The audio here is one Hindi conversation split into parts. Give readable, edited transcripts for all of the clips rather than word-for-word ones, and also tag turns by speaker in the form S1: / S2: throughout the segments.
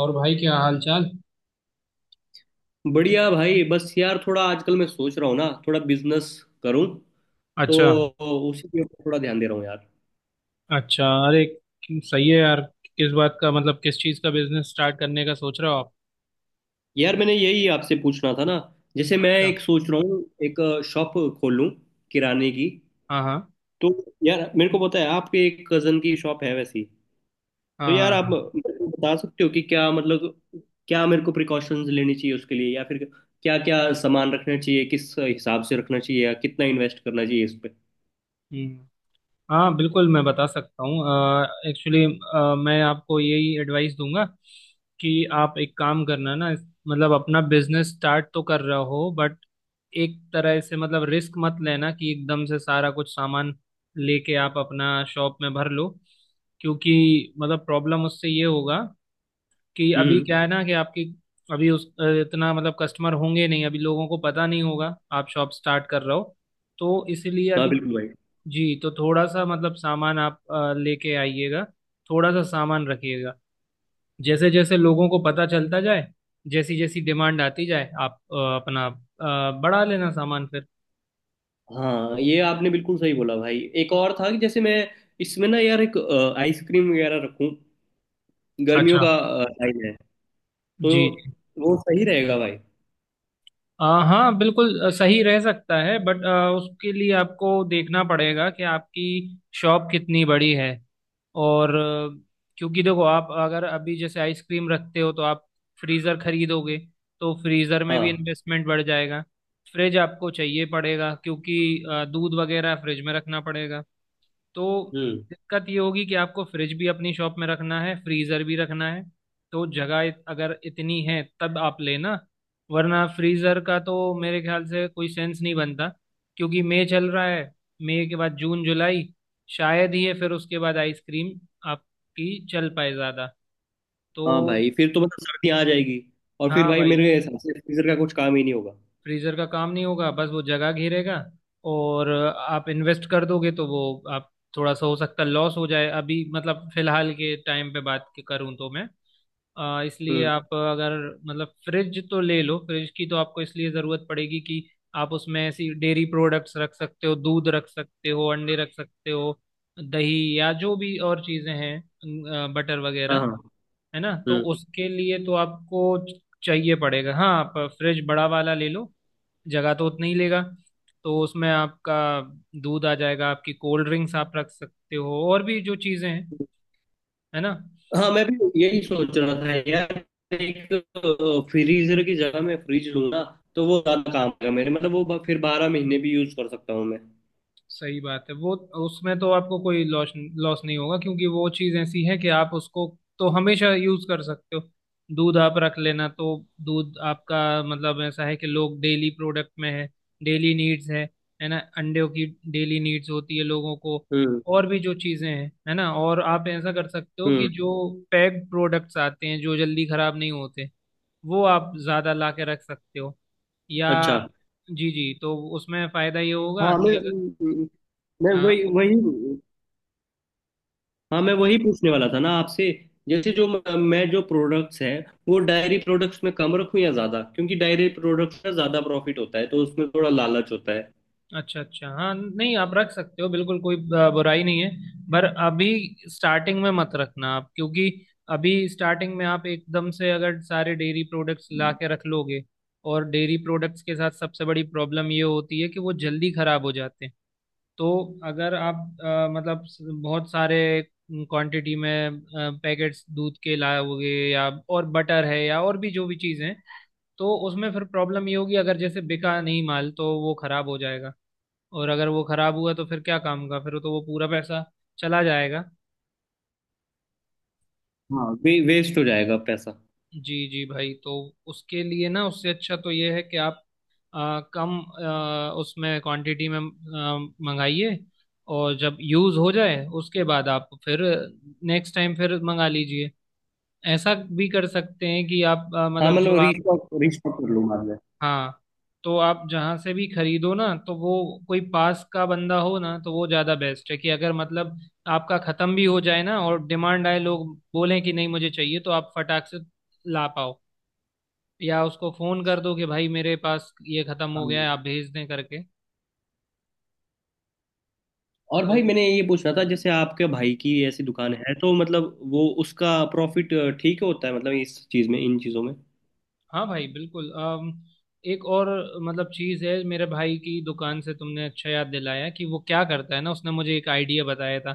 S1: और भाई क्या हाल चाल।
S2: बढ़िया भाई। बस यार थोड़ा आजकल मैं सोच रहा हूँ ना थोड़ा बिजनेस करूँ तो
S1: अच्छा।
S2: उसी के ऊपर थोड़ा ध्यान दे रहा हूँ यार।
S1: अच्छा, अरे, सही है यार। किस बात का मतलब किस चीज़ का बिजनेस स्टार्ट करने का सोच रहे हो आप?
S2: यार मैंने यही आपसे पूछना था ना। जैसे मैं
S1: अच्छा।
S2: एक सोच रहा हूँ, एक शॉप खोल लूँ किराने की।
S1: हाँ हाँ।
S2: तो यार मेरे को पता है आपके एक कजन की शॉप है वैसी। तो
S1: हाँ
S2: यार
S1: हाँ
S2: आप
S1: हाँ।
S2: मेरे को बता सकते हो कि क्या मतलब, क्या मेरे को प्रिकॉशंस लेनी चाहिए उसके लिए, या फिर क्या क्या सामान रखना चाहिए, किस हिसाब से रखना चाहिए, या कितना इन्वेस्ट करना चाहिए इस पे।
S1: हम्म। हाँ बिल्कुल, मैं बता सकता हूँ एक्चुअली। मैं आपको यही एडवाइस दूंगा कि आप एक काम करना ना, मतलब अपना बिजनेस स्टार्ट तो कर रहे हो बट एक तरह से मतलब रिस्क मत लेना कि एकदम से सारा कुछ सामान लेके आप अपना शॉप में भर लो, क्योंकि मतलब प्रॉब्लम उससे ये होगा कि अभी
S2: हम्म।
S1: क्या है ना, कि आपकी अभी उस इतना मतलब कस्टमर होंगे नहीं, अभी लोगों को पता नहीं होगा आप शॉप स्टार्ट कर रहे हो। तो इसलिए
S2: हाँ
S1: अभी।
S2: बिल्कुल।
S1: जी। तो थोड़ा सा मतलब सामान आप लेके आइएगा, थोड़ा सा सामान रखिएगा। जैसे जैसे लोगों को पता चलता जाए, जैसी जैसी डिमांड आती जाए, आप अपना बढ़ा लेना सामान फिर।
S2: हाँ ये आपने बिल्कुल सही बोला भाई। एक और था कि जैसे मैं इसमें ना यार एक आइसक्रीम वगैरह रखूं। गर्मियों
S1: अच्छा।
S2: का टाइम है। तो
S1: जी।
S2: वो सही रहेगा भाई।
S1: अ, हाँ बिल्कुल, सही रह सकता है बट उसके लिए आपको देखना पड़ेगा कि आपकी शॉप कितनी बड़ी है, और क्योंकि देखो आप अगर अभी जैसे आइसक्रीम रखते हो तो आप फ्रीज़र खरीदोगे, तो फ्रीज़र में भी
S2: हाँ।
S1: इन्वेस्टमेंट बढ़ जाएगा। फ्रिज आपको चाहिए पड़ेगा क्योंकि दूध वगैरह फ्रिज में रखना पड़ेगा। तो
S2: हम्म।
S1: दिक्कत ये होगी कि आपको फ्रिज भी अपनी शॉप में रखना है, फ्रीजर भी रखना है। तो जगह अगर इतनी है तब आप लेना, वरना फ्रीजर का तो मेरे ख्याल से कोई सेंस नहीं बनता क्योंकि मई चल रहा है, मई के बाद जून जुलाई शायद ही है, फिर उसके बाद आइसक्रीम आपकी चल पाए ज़्यादा। तो
S2: हाँ भाई फिर तो मतलब सर्दी आ जाएगी। और फिर
S1: हाँ
S2: भाई
S1: भाई,
S2: मेरे हिसाब से फ्रीजर का कुछ काम ही नहीं होगा।
S1: फ्रीजर का काम नहीं होगा, बस वो जगह घेरेगा और आप इन्वेस्ट कर दोगे तो वो आप थोड़ा सा हो सकता है लॉस हो जाए। अभी मतलब फिलहाल के टाइम पे बात करूं तो मैं इसलिए
S2: हम्म।
S1: आप अगर मतलब फ्रिज तो ले लो। फ्रिज की तो आपको इसलिए ज़रूरत पड़ेगी कि आप उसमें ऐसी डेयरी प्रोडक्ट्स रख सकते हो, दूध रख सकते हो, अंडे रख सकते हो, दही या जो भी और चीज़ें हैं, बटर
S2: हाँ
S1: वगैरह,
S2: हाँ।
S1: है ना। तो
S2: हम्म।
S1: उसके लिए तो आपको चाहिए पड़ेगा। हाँ आप फ्रिज बड़ा वाला ले लो, जगह तो उतना ही लेगा, तो उसमें आपका दूध आ जाएगा, आपकी कोल्ड ड्रिंक्स आप रख सकते हो और भी जो चीज़ें हैं, है ना।
S2: हाँ मैं भी यही सोच रहा था यार। एक फ्रीजर की जगह मैं फ्रिज लूंगा। तो वो ज्यादा काम का मेरे मतलब वो फिर 12 महीने भी यूज कर सकता हूँ मैं।
S1: सही बात है वो। उसमें तो आपको कोई लॉस लॉस नहीं होगा क्योंकि वो चीज़ ऐसी है कि आप उसको तो हमेशा यूज कर सकते हो। दूध आप रख लेना, तो दूध आपका मतलब ऐसा है कि लोग डेली प्रोडक्ट में है, डेली नीड्स है ना। अंडों की डेली नीड्स होती है लोगों को।
S2: हम्म।
S1: और भी जो चीज़ें हैं, है ना, और आप ऐसा कर सकते हो कि
S2: हम्म।
S1: जो पैक्ड प्रोडक्ट्स आते हैं जो जल्दी खराब नहीं होते, वो आप ज़्यादा ला के रख सकते हो, या।
S2: अच्छा।
S1: जी जी। तो उसमें फ़ायदा ये होगा
S2: हाँ
S1: कि अगर।
S2: म, मैं
S1: हाँ।
S2: वही वही। हाँ मैं वही पूछने वाला था ना आपसे। जैसे जो मैं जो प्रोडक्ट्स हैं वो डायरी प्रोडक्ट्स में कम रखूं या ज्यादा, क्योंकि डायरी प्रोडक्ट्स का ज्यादा प्रॉफिट होता है तो उसमें थोड़ा लालच होता है।
S1: अच्छा अच्छा। हाँ, नहीं आप रख सकते हो बिल्कुल, कोई बुराई नहीं है, पर अभी स्टार्टिंग में मत रखना आप क्योंकि अभी स्टार्टिंग में आप एकदम से अगर सारे डेयरी प्रोडक्ट्स ला के रख लोगे, और डेयरी प्रोडक्ट्स के साथ सबसे बड़ी प्रॉब्लम ये होती है कि वो जल्दी खराब हो जाते हैं। तो अगर आप मतलब बहुत सारे क्वांटिटी में पैकेट्स दूध के लाओगे या और बटर है या और भी जो भी चीज़ है, तो उसमें फिर प्रॉब्लम ये होगी अगर जैसे बिका नहीं माल तो वो खराब हो जाएगा, और अगर वो खराब हुआ तो फिर क्या काम का, फिर तो वो पूरा पैसा चला जाएगा।
S2: हाँ वेस्ट हो जाएगा पैसा।
S1: जी जी भाई। तो उसके लिए ना उससे अच्छा तो ये है कि आप कम उसमें क्वांटिटी में मंगाइए, और जब यूज़ हो जाए उसके बाद आप फिर नेक्स्ट टाइम फिर मंगा लीजिए। ऐसा भी कर सकते हैं कि आप
S2: हाँ
S1: मतलब जो
S2: मतलब
S1: आप।
S2: रिस्टॉक रिस्टॉक कर लूंगा मैं।
S1: हाँ। तो आप जहाँ से भी खरीदो ना तो वो कोई पास का बंदा हो ना तो वो ज़्यादा बेस्ट है कि अगर मतलब आपका ख़त्म भी हो जाए ना और डिमांड आए, लोग बोलें कि नहीं मुझे चाहिए, तो आप फटाक से ला पाओ, या उसको फ़ोन कर दो कि भाई मेरे पास ये ख़त्म हो गया है
S2: हाँ।
S1: आप भेज दें करके।
S2: और भाई
S1: तो
S2: मैंने ये पूछना था जैसे आपके भाई की ऐसी दुकान है, तो मतलब वो उसका प्रॉफिट ठीक होता है मतलब इस चीज में, इन चीजों में?
S1: हाँ भाई बिल्कुल। एक और मतलब चीज़ है, मेरे भाई की दुकान से तुमने अच्छा याद दिलाया, कि वो क्या करता है ना, उसने मुझे एक आइडिया बताया था।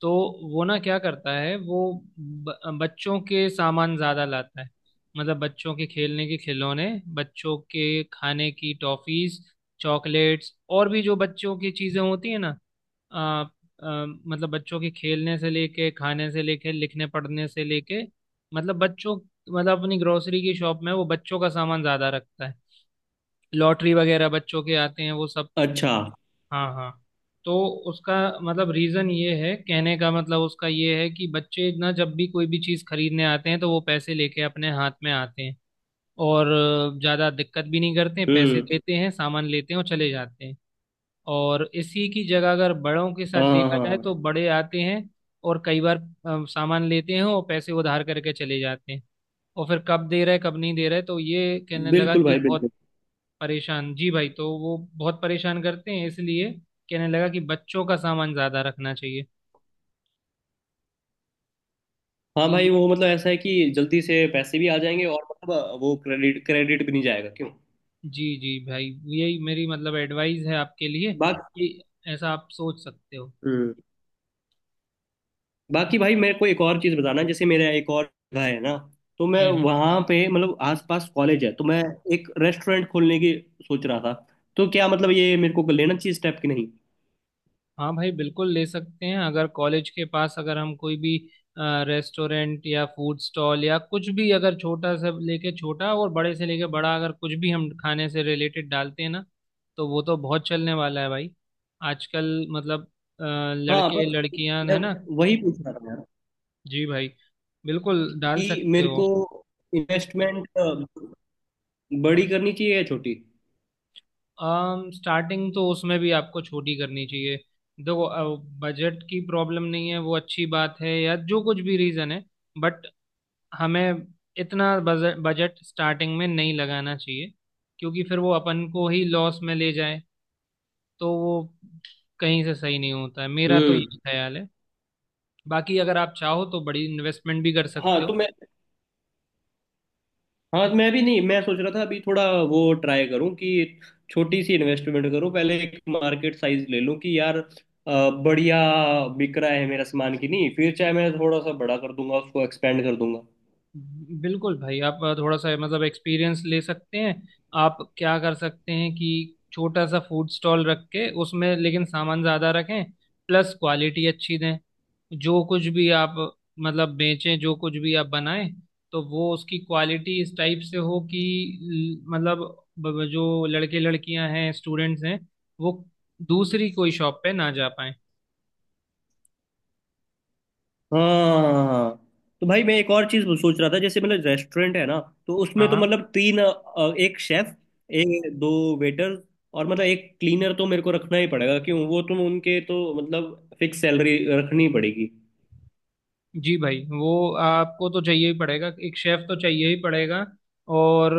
S1: तो वो ना क्या करता है वो ब, बच्चों के सामान ज़्यादा लाता है। मतलब बच्चों के खेलने के खिलौने, बच्चों के खाने की टॉफ़ीज़, चॉकलेट्स और भी जो बच्चों की चीज़ें होती है ना। आ, आ, मतलब बच्चों के खेलने से लेके, खाने से लेके, लिखने पढ़ने से लेके, मतलब बच्चों, मतलब अपनी ग्रोसरी की शॉप में वो बच्चों का सामान ज्यादा रखता है। लॉटरी वगैरह बच्चों के आते हैं वो सब।
S2: अच्छा।
S1: हाँ हाँ। तो उसका मतलब रीजन ये है, कहने का मतलब उसका ये है कि बच्चे ना जब भी कोई भी चीज खरीदने आते हैं तो वो पैसे लेके अपने हाथ में आते हैं, और ज्यादा दिक्कत भी नहीं करते हैं, पैसे
S2: हम्म।
S1: देते हैं, सामान लेते हैं और चले जाते हैं। और इसी की जगह अगर बड़ों के साथ
S2: हाँ हाँ
S1: देखा जाए
S2: हाँ।
S1: तो बड़े आते हैं और कई बार सामान लेते हैं और पैसे उधार करके चले जाते हैं, और फिर कब दे रहे कब नहीं दे रहे, तो ये कहने लगा
S2: बिल्कुल
S1: कि
S2: भाई
S1: बहुत
S2: बिल्कुल।
S1: परेशान। जी भाई, तो वो बहुत परेशान करते हैं, इसलिए कहने लगा कि बच्चों का सामान ज्यादा रखना चाहिए।
S2: हाँ
S1: ये।
S2: भाई वो मतलब ऐसा है कि जल्दी से पैसे भी आ जाएंगे, और मतलब वो क्रेडिट क्रेडिट भी नहीं जाएगा क्यों।
S1: जी जी भाई, यही मेरी मतलब एडवाइस है आपके लिए
S2: बाकी।
S1: कि ऐसा आप सोच सकते हो।
S2: हम्म। बाकी भाई मेरे को एक और चीज़ बताना जैसे मेरा एक और जगह है ना। तो मैं
S1: हम्म।
S2: वहाँ पे, मतलब आसपास कॉलेज है, तो मैं एक रेस्टोरेंट खोलने की सोच रहा था। तो क्या मतलब ये मेरे को लेना चाहिए स्टेप कि नहीं?
S1: हाँ भाई बिल्कुल ले सकते हैं, अगर कॉलेज के पास अगर हम कोई भी रेस्टोरेंट या फूड स्टॉल या कुछ भी, अगर छोटा से लेके छोटा और बड़े से लेके बड़ा, अगर कुछ भी हम खाने से रिलेटेड डालते हैं ना, तो वो तो बहुत चलने वाला है भाई। आजकल मतलब
S2: हाँ
S1: लड़के
S2: पर
S1: लड़कियां
S2: मैं
S1: है ना।
S2: वही पूछ रहा था यार
S1: जी भाई, बिल्कुल डाल
S2: कि
S1: सकते
S2: मेरे
S1: हो।
S2: को इन्वेस्टमेंट बड़ी करनी चाहिए या छोटी।
S1: स्टार्टिंग तो उसमें भी आपको छोटी करनी चाहिए। देखो बजट की प्रॉब्लम नहीं है, वो अच्छी बात है, या जो कुछ भी रीज़न है, बट हमें इतना बजट बजट स्टार्टिंग में नहीं लगाना चाहिए क्योंकि फिर वो अपन को ही लॉस में ले जाए, तो वो कहीं से सही नहीं होता है, मेरा तो
S2: हम्म।
S1: ये ख्याल है। बाकी अगर आप चाहो तो बड़ी इन्वेस्टमेंट भी कर
S2: हाँ
S1: सकते हो।
S2: तो मैं, हाँ मैं भी नहीं, मैं सोच रहा था अभी थोड़ा वो ट्राई करूं कि छोटी सी इन्वेस्टमेंट करूं। पहले एक मार्केट साइज ले लूं कि यार बढ़िया बिक रहा है मेरा सामान कि नहीं, फिर चाहे मैं थोड़ा सा बड़ा कर दूंगा उसको एक्सपेंड कर दूंगा।
S1: बिल्कुल भाई, आप थोड़ा सा मतलब एक्सपीरियंस ले सकते हैं। आप क्या कर सकते हैं कि छोटा सा फूड स्टॉल रख के उसमें लेकिन सामान ज़्यादा रखें, प्लस क्वालिटी अच्छी दें। जो कुछ भी आप मतलब बेचें, जो कुछ भी आप बनाएं, तो वो उसकी क्वालिटी इस टाइप से हो कि मतलब जो लड़के लड़कियां हैं, स्टूडेंट्स हैं, वो दूसरी कोई शॉप पे ना जा पाए।
S2: हाँ हाँ हाँ। तो भाई मैं एक और चीज सोच रहा था जैसे मतलब रेस्टोरेंट है ना, तो
S1: हाँ
S2: उसमें तो
S1: हाँ।
S2: मतलब तीन, एक शेफ, एक दो वेटर, और मतलब एक क्लीनर तो मेरे को रखना ही पड़ेगा क्यों। वो तुम उनके तो मतलब फिक्स सैलरी रखनी पड़ेगी।
S1: जी भाई, वो आपको तो चाहिए ही पड़ेगा, एक शेफ तो चाहिए ही पड़ेगा। और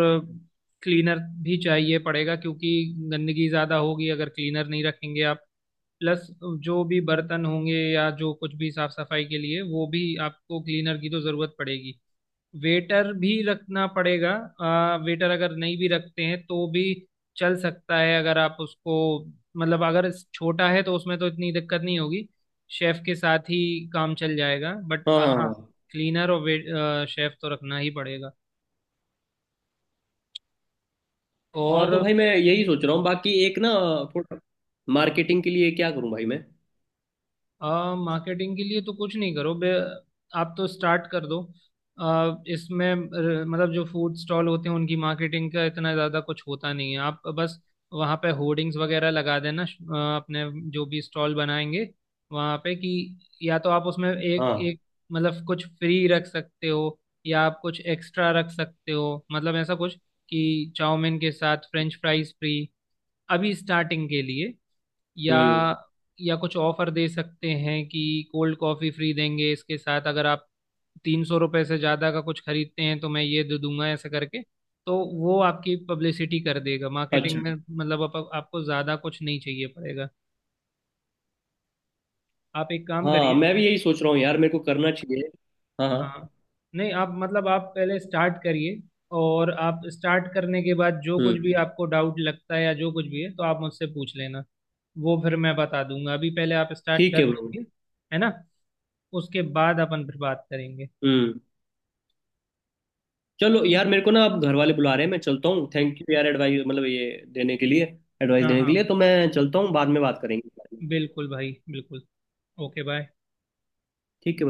S1: क्लीनर भी चाहिए पड़ेगा, क्योंकि गंदगी ज़्यादा होगी अगर क्लीनर नहीं रखेंगे आप। प्लस जो भी बर्तन होंगे या जो कुछ भी साफ सफाई के लिए, वो भी आपको क्लीनर की तो ज़रूरत पड़ेगी। वेटर भी रखना पड़ेगा। वेटर अगर नहीं भी रखते हैं तो भी चल सकता है, अगर आप उसको मतलब अगर छोटा है तो उसमें तो इतनी दिक्कत नहीं होगी, शेफ के साथ ही काम चल जाएगा, बट
S2: हाँ
S1: हाँ,
S2: हाँ
S1: क्लीनर और वेट शेफ तो रखना ही पड़ेगा।
S2: हाँ।
S1: और
S2: तो भाई मैं यही सोच रहा हूँ बाकी एक ना, थोड़ा मार्केटिंग के लिए क्या करूँ भाई मैं?
S1: मार्केटिंग के लिए तो कुछ नहीं करो बे, आप तो स्टार्ट कर दो। इसमें मतलब जो फूड स्टॉल होते हैं उनकी मार्केटिंग का इतना ज़्यादा कुछ होता नहीं है, आप बस वहाँ पे होर्डिंग्स वगैरह लगा देना, अपने जो भी स्टॉल बनाएंगे वहाँ पे, कि या तो आप उसमें एक
S2: हाँ।
S1: एक मतलब कुछ फ्री रख सकते हो, या आप कुछ एक्स्ट्रा रख सकते हो, मतलब ऐसा कुछ कि चाउमीन के साथ फ्रेंच फ्राइज फ्री, अभी स्टार्टिंग के लिए, या
S2: हम्म।
S1: या कुछ ऑफर दे सकते हैं कि कोल्ड कॉफी फ्री देंगे इसके साथ, अगर आप 300 रुपये से ज़्यादा का कुछ खरीदते हैं तो मैं ये दे दूंगा, ऐसे करके। तो वो आपकी पब्लिसिटी कर देगा, मार्केटिंग में
S2: अच्छा।
S1: मतलब आपको ज़्यादा कुछ नहीं चाहिए पड़ेगा। आप एक काम
S2: हाँ
S1: करिए।
S2: मैं भी यही सोच रहा हूँ यार मेरे को करना चाहिए। हाँ हाँ।
S1: हाँ। नहीं आप मतलब आप पहले स्टार्ट करिए, और आप स्टार्ट करने के बाद जो कुछ
S2: हम्म।
S1: भी आपको डाउट लगता है या जो कुछ भी है तो आप मुझसे पूछ लेना, वो फिर मैं बता दूंगा, अभी पहले आप स्टार्ट
S2: ठीक
S1: कर
S2: है ब्रो।
S1: दीजिए, है ना। उसके बाद अपन फिर बात करेंगे,
S2: हम्म। चलो
S1: ठीक।
S2: यार मेरे को ना अब घर वाले बुला रहे हैं, मैं चलता हूँ। थैंक यू यार एडवाइस मतलब ये देने के लिए, एडवाइस
S1: हाँ
S2: देने के
S1: हाँ
S2: लिए, तो मैं चलता हूँ, बाद में बात करेंगे। ठीक
S1: बिल्कुल भाई बिल्कुल। Okay bye.
S2: है भाई।